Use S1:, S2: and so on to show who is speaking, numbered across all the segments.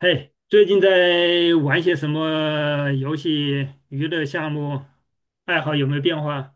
S1: 嘿，最近在玩些什么游戏、娱乐项目？爱好有没有变化？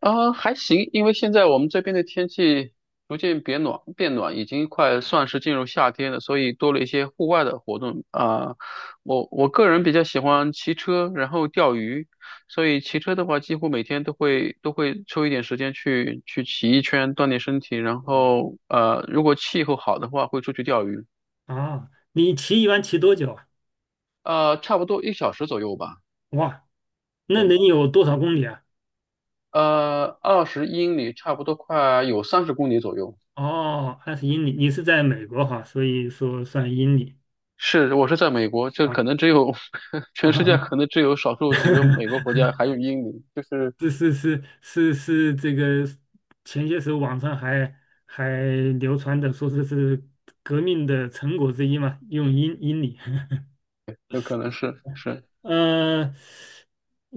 S2: 啊，还行，因为现在我们这边的天气逐渐变暖，变暖已经快算是进入夏天了，所以多了一些户外的活动啊。我个人比较喜欢骑车，然后钓鱼，所以骑车的话，几乎每天都会抽一点时间去骑一圈，锻炼身体。然
S1: 啊，
S2: 后如果气候好的话，会出去钓鱼，
S1: 啊，一般骑多久啊？
S2: 差不多一小时左右吧。
S1: 哇，那
S2: 对，
S1: 能有多少公里啊？
S2: 20英里，差不多快有30公里左右。
S1: 哦，20英里。你是在美国哈，所以说算英里
S2: 是，我是在美国，这
S1: 啊。
S2: 可能只有 全世界
S1: 啊，
S2: 可能只有少 数几个美国国
S1: 哈，
S2: 家还有英语，就是
S1: 是是是是是，这个前些时候网上还流传的说这是革命的成果之一嘛，用英里。
S2: 有可能是。
S1: 嗯、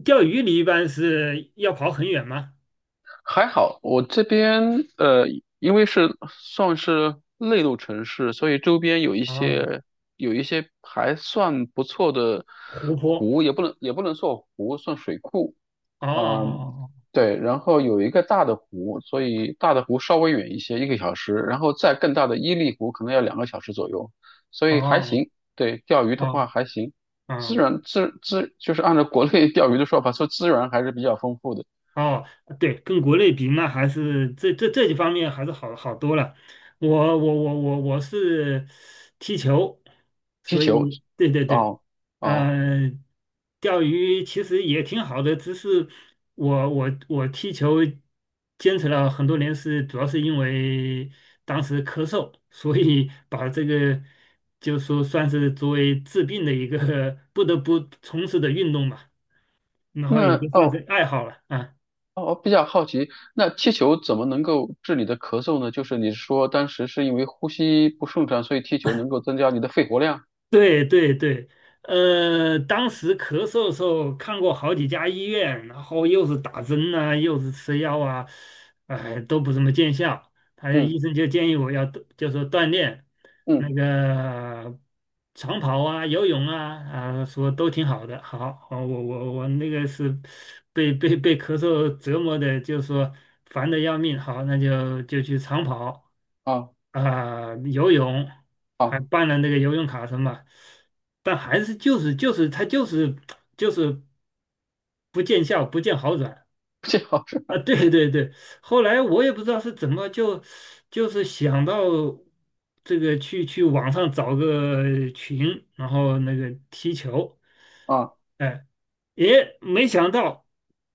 S1: 钓鱼你一般是要跑很远吗？
S2: 还好，我这边呃，因为是算是内陆城市，所以周边有一
S1: 啊，
S2: 些有一些还算不错的
S1: 湖泊。
S2: 湖，也不能算湖，算水库，
S1: 哦
S2: 嗯，
S1: 哦
S2: 对，然后有一个大的湖，所以大的湖稍微远一些，1个小时，然后再更大的伊利湖可能要2个小时左右，所
S1: 哦
S2: 以还
S1: 哦
S2: 行。对，钓鱼的
S1: 哦
S2: 话还行，
S1: 哦，
S2: 资
S1: 哦
S2: 源资资就是按照国内钓鱼的说法，说资源还是比较丰富的。
S1: 哦，对，跟国内比，那还是这几方面还是好多了。我我我我我是踢球，
S2: 踢
S1: 所以
S2: 球，
S1: 对对对，
S2: 哦哦，
S1: 呃，钓鱼其实也挺好的，只是我踢球坚持了很多年是，主要是因为当时咳嗽，所以把这个就说算是作为治病的一个 不得不从事的运动吧，然后也
S2: 那
S1: 就算是
S2: 哦
S1: 爱好了啊。
S2: 哦，比较好奇，那踢球怎么能够治你的咳嗽呢？就是你说当时是因为呼吸不顺畅，所以踢球能够增加你的肺活量。
S1: 对对对，当时咳嗽的时候看过好几家医院，然后又是打针啊，又是吃药啊，哎，都不怎么见效。他
S2: 嗯
S1: 医生就建议我要就说锻炼那
S2: 嗯，
S1: 个长跑啊、游泳啊，啊，说都挺好的。好，好，我那个是被咳嗽折磨的，就说烦的要命。好，那就去长跑。
S2: 啊。
S1: 啊、游泳还
S2: 好
S1: 办了那个游泳卡什么，但还是就是他就是不见效，不见好转
S2: 这好是
S1: 啊！对对对，后来我也不知道是怎么就是想到这个去网上找个群，然后那个踢球，
S2: 啊，
S1: 哎，也没想到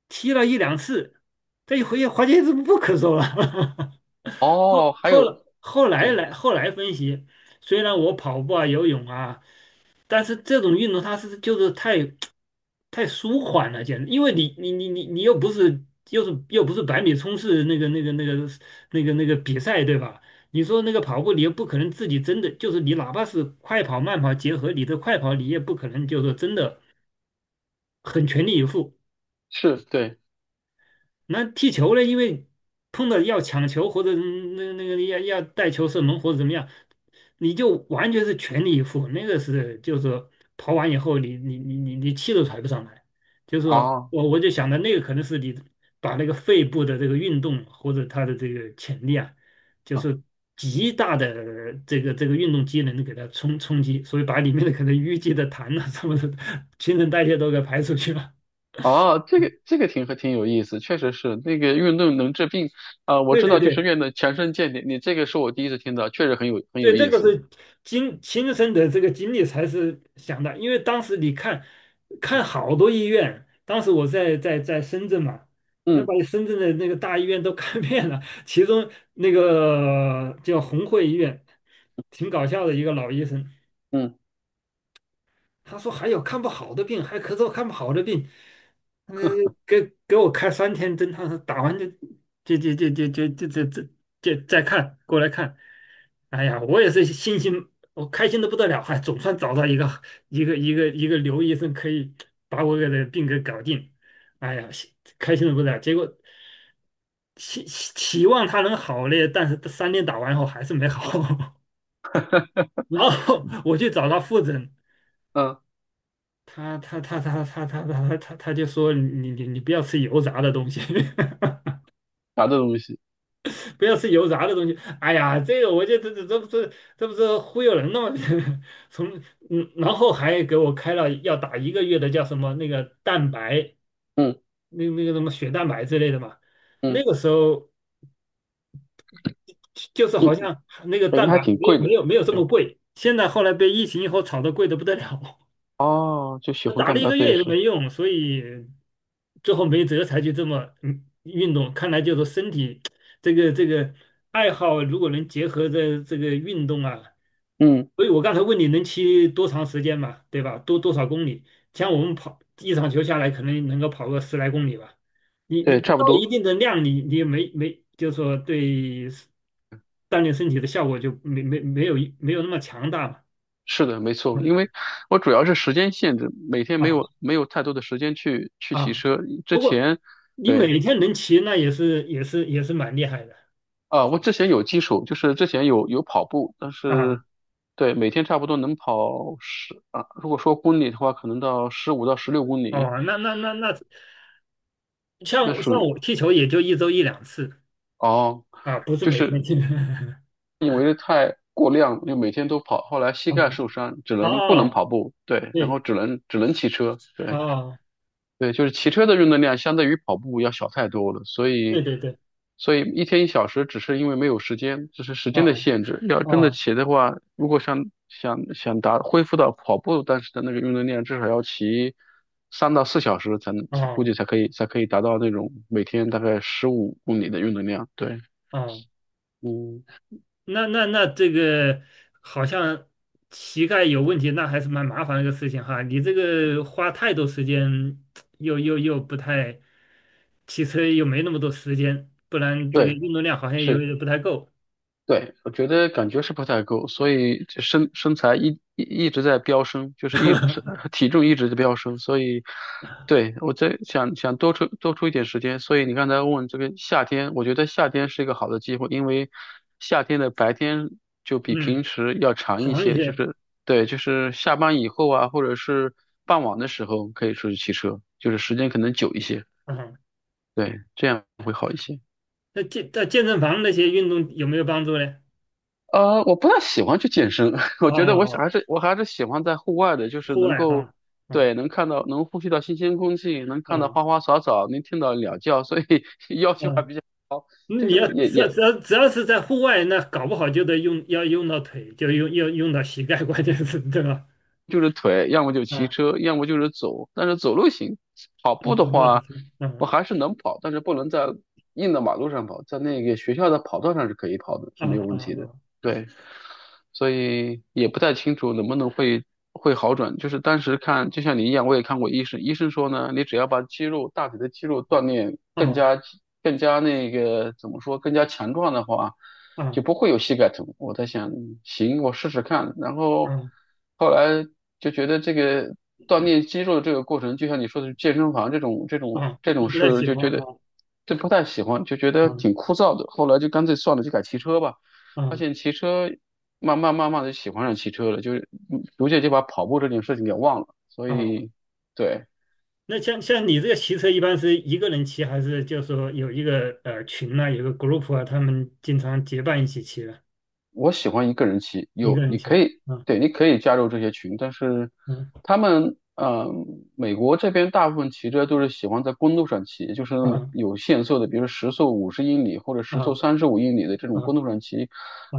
S1: 踢了一两次，这一回发现是不咳嗽了。
S2: 哦，还有对，
S1: 后来分析，虽然我跑步啊、游泳啊，但是这种运动它就是太舒缓了，简直，因为你又不是又不是百米冲刺那个比赛对吧？你说那个跑步，你又不可能自己真的就是你，哪怕是快跑慢跑结合你的快跑，你也不可能就是真的很全力以赴。
S2: 是对
S1: 那踢球呢，因为碰到要抢球或者那个要带球射门或者怎么样，你就完全是全力以赴，那个就是说跑完以后你气都喘不上来，就是说
S2: 啊
S1: 我就想着那个可能是你把那个肺部的这个运动或者它的这个潜力啊，就
S2: 啊
S1: 是极大的这个运动机能给它冲击，所以把里面的可能淤积的痰啊什么的，新陈代谢都给排出去了。
S2: 哦，这个挺挺有意思，确实是那个运动能治病啊，我
S1: 对
S2: 知
S1: 对
S2: 道就是
S1: 对，
S2: 运动强身健体，你这个是我第一次听到，确实很有很有
S1: 对，这
S2: 意
S1: 个
S2: 思。
S1: 是经亲身的这个经历才是想的，因为当时你看，看好多医院，当时我在深圳嘛，那把
S2: 嗯
S1: 深圳的那个大医院都 看遍了，其中那个叫红会医院，挺搞笑的一个老医生，
S2: 嗯
S1: 他说还有看不好的病，还咳嗽看不好的病，嗯，给给我开三天灯他说打完就就就就就就就就就就再看过来看。哎呀，我也是信心，我开心的不得了，还总算找到一个刘医生可以把我给的病给搞定。哎呀，心开心的不得了。结果期望他能好嘞，但是三天打完后还是没好。然后我去找他复诊，
S2: 嗯，
S1: 他就说你不要吃油炸的东西。
S2: 啥的东西？
S1: 不要吃油炸的东西。哎呀，这个我觉得这不是忽悠人的吗？从然后还给我开了要打一个月的叫什么那个蛋白，
S2: 嗯
S1: 那个什么血蛋白之类的嘛。那
S2: 嗯
S1: 个时候就是好
S2: 嗯，
S1: 像那个
S2: 本身
S1: 蛋
S2: 还
S1: 白
S2: 挺贵的。
S1: 没有这么
S2: 对
S1: 贵，现在后来被疫情以后炒得贵得不得了。
S2: 哦，就血红
S1: 打了
S2: 蛋
S1: 一
S2: 白，
S1: 个月
S2: 对
S1: 也都
S2: 是，
S1: 没用，所以最后没辙才去这么运动。看来就是身体这个爱好，如果能结合着这个运动啊，
S2: 嗯，
S1: 所以我刚才问你能骑多长时间嘛，对吧？多少公里？像我们跑一场球下来，可能能够跑个10来公里吧。你
S2: 对，
S1: 不
S2: 差
S1: 到
S2: 不
S1: 一
S2: 多。
S1: 定的量，你也没没就是说对锻炼身体的效果就没有那么强大嘛。
S2: 是的，没错，
S1: 嗯，
S2: 因为我主要是时间限制，每天没有
S1: 好。
S2: 没有太多的时间去骑
S1: 啊，
S2: 车。之
S1: 不过
S2: 前，
S1: 你
S2: 对。
S1: 每天能骑，那也是蛮厉害的
S2: 啊，我之前有基础，就是之前有跑步，但
S1: 啊。
S2: 是对每天差不多能跑十啊，如果说公里的话，可能到15到16公里，
S1: 哦，那，
S2: 那属
S1: 像
S2: 于
S1: 我踢球也就一周一两次
S2: 哦，
S1: 啊，不是
S2: 就
S1: 每天
S2: 是
S1: 踢。
S2: 因为太过量，就每天都跑，后来膝盖
S1: 哦
S2: 受伤，只能不能
S1: 哦，
S2: 跑步，对，然后
S1: 对，
S2: 只能骑车，对。
S1: 哦，
S2: 对，就是骑车的运动量相对于跑步要小太多了，所以，
S1: 对对对，
S2: 所以一天一小时只是因为没有时间，这是时间的
S1: 哦
S2: 限制。要真的
S1: 哦
S2: 骑的话，如果想恢复到跑步当时的那个运动量，至少要骑3到4小时才能，估
S1: 哦
S2: 计才可以达到那种每天大概15公里的运动量。对，
S1: 哦，
S2: 嗯，
S1: 那这个好像膝盖有问题，那还是蛮麻烦的一个事情哈。你这个花太多时间，又不太，骑车又没那么多时间，不然这个
S2: 对，
S1: 运动量好像有
S2: 是。
S1: 点不太够。
S2: 对，我觉得感觉是不太够，所以这身材一直在飙升，就是一身 体重一直在飙升，所以对我在想多出一点时间，所以你刚才问这个夏天，我觉得夏天是一个好的机会，因为夏天的白天就比
S1: 嗯，
S2: 平时要长一
S1: 长一
S2: 些，就
S1: 些
S2: 是对，就是下班以后啊，或者是傍晚的时候可以出去骑车，就是时间可能久一些，
S1: 啊。
S2: 对，这样会好一些。
S1: 那在健身房那些运动有没有帮助呢？
S2: 我不太喜欢去健身，我觉得我想
S1: 哦，
S2: 还是我还是喜欢在户外的，就是
S1: 户
S2: 能
S1: 外
S2: 够，
S1: 哈，啊
S2: 对，能看到能呼吸到新鲜空气，能看到
S1: 啊
S2: 花花草草，能听到鸟叫，所以 要求还
S1: 啊！
S2: 比较高，
S1: 那
S2: 就
S1: 你
S2: 是
S1: 要
S2: 也
S1: 只要
S2: 也
S1: 只要只要是在户外，那搞不好就得要用到腿，就要用到膝盖，关键是对吧？
S2: 就是腿，要么就骑
S1: 啊
S2: 车，要么就是走，但是走路行，跑
S1: 啊，
S2: 步的
S1: 对，
S2: 话，
S1: 嗯
S2: 我还是能跑，但是不能在硬的马路上跑，在那个学校的跑道上是可以跑的，
S1: 啊
S2: 是没有问题的，
S1: 啊
S2: 对。所以也不太清楚能不能会好转。就是当时看，就像你一样，我也看过医生，医生说呢，你只要把肌肉大腿的肌肉锻炼
S1: 啊
S2: 更
S1: 啊
S2: 加更加那个怎么说，更加强壮的话，就不
S1: 啊
S2: 会有膝盖疼。我在想，行，我试试看。然后
S1: 啊
S2: 后来就觉得这个锻炼肌肉的这个过程，就像你说的健身房这种这种
S1: 啊，
S2: 这种
S1: 你不太
S2: 事，
S1: 喜
S2: 就
S1: 欢
S2: 觉得。
S1: 啊
S2: 这不太喜欢，就觉得挺
S1: 啊
S2: 枯燥的。后来就干脆算了，就改骑车吧。发
S1: 啊
S2: 现骑车慢慢的喜欢上骑车了，就是逐渐就把跑步这件事情给忘了。所
S1: 啊。
S2: 以，对，
S1: 那像你这个骑车，一般是一个人骑，还是就是说有一个群呐、有个 group 啊，他们经常结伴一起骑的，
S2: 我喜欢一个人骑，
S1: 一个
S2: 有
S1: 人
S2: 你可
S1: 骑。
S2: 以，
S1: 啊
S2: 对，你可以加入这些群，但是
S1: 啊
S2: 他们，美国这边大部分骑车都是喜欢在公路上骑，就是那么
S1: 啊
S2: 有限速的，比如时速50英里或者时速
S1: 啊
S2: 35英里的这种公
S1: 啊
S2: 路上骑，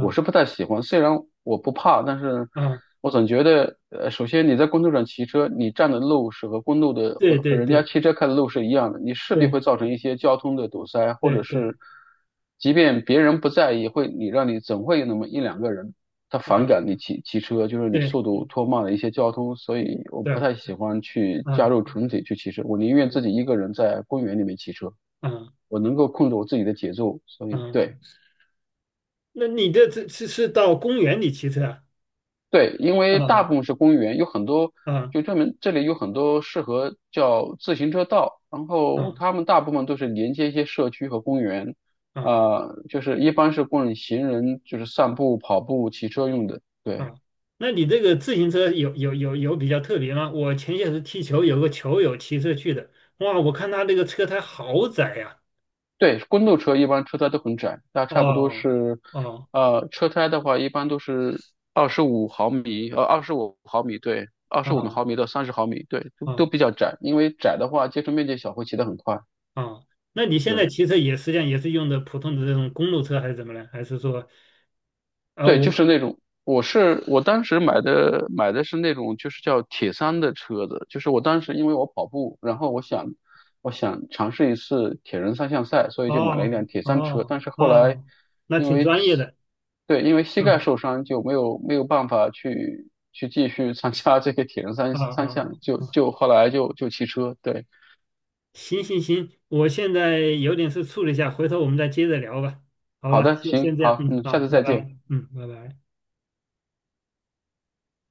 S2: 我是不太喜欢。虽然我不怕，但是
S1: 啊！
S2: 我总觉得，首先你在公路上骑车，你占的路是和公路的和
S1: 对
S2: 和
S1: 对
S2: 人家
S1: 对
S2: 汽车开的路是一样的，你势必会
S1: 对
S2: 造成一些交通的堵塞，或
S1: 对
S2: 者
S1: 对
S2: 是即便别人不在意，会你让你总会有那么一两个人他
S1: 啊
S2: 反感你骑车，就是你
S1: 对
S2: 速度拖慢了一些交通，所以我不
S1: 对
S2: 太喜欢去加
S1: 啊
S2: 入群体去骑车，我宁愿自己
S1: 对
S2: 一个人在公园里面骑车。
S1: 啊
S2: 我能够控制我自己的节奏，所以
S1: 啊！
S2: 对，
S1: 那你这是到公园里骑车啊？
S2: 对，因为大
S1: 啊
S2: 部分是公园，有很多
S1: 啊
S2: 就专门这里有很多适合叫自行车道，然后
S1: 啊！
S2: 他们大部分都是连接一些社区和公园，
S1: 啊
S2: 就是一般是供行人就是散步、跑步、骑车用的。对
S1: 啊，那你这个自行车有比较特别吗？我前些时踢球，有个球友骑车去的，哇，我看他那个车胎好窄呀、
S2: 对，公路车一般车胎都很窄，那差不多
S1: 哦
S2: 是，
S1: 哦
S2: 车胎的话一般都是二十五毫米，二十五毫米，对，二十五
S1: 哦
S2: 毫米到三十毫米，对，都
S1: 哦
S2: 比较窄，因为窄的话接触面积小，会骑得很快。
S1: 哦，那你现在
S2: 是。
S1: 骑车也实际上也是用的普通的这种公路车还是怎么呢？还是说啊、
S2: 对，就是
S1: 我
S2: 那种，我是我当时买的是那种，就是叫铁三的车子，就是我当时因为我跑步，然后我想尝试一次铁人三项赛，所以就买了一
S1: 哦
S2: 辆铁三车，
S1: 哦
S2: 但是后来
S1: 哦，那
S2: 因
S1: 挺
S2: 为
S1: 专业
S2: 膝
S1: 的，
S2: 对，因为膝盖受
S1: 嗯
S2: 伤就没有办法去参加这个铁人三
S1: 啊啊
S2: 三项，
S1: 啊，啊
S2: 后来骑车，对，
S1: 行行行，我现在有点事处理一下，回头我们再接着聊吧，好
S2: 好
S1: 吧，
S2: 的，行，
S1: 先这样，
S2: 好，
S1: 嗯，
S2: 嗯，
S1: 好，
S2: 下次
S1: 拜
S2: 再见。
S1: 拜，嗯，拜拜。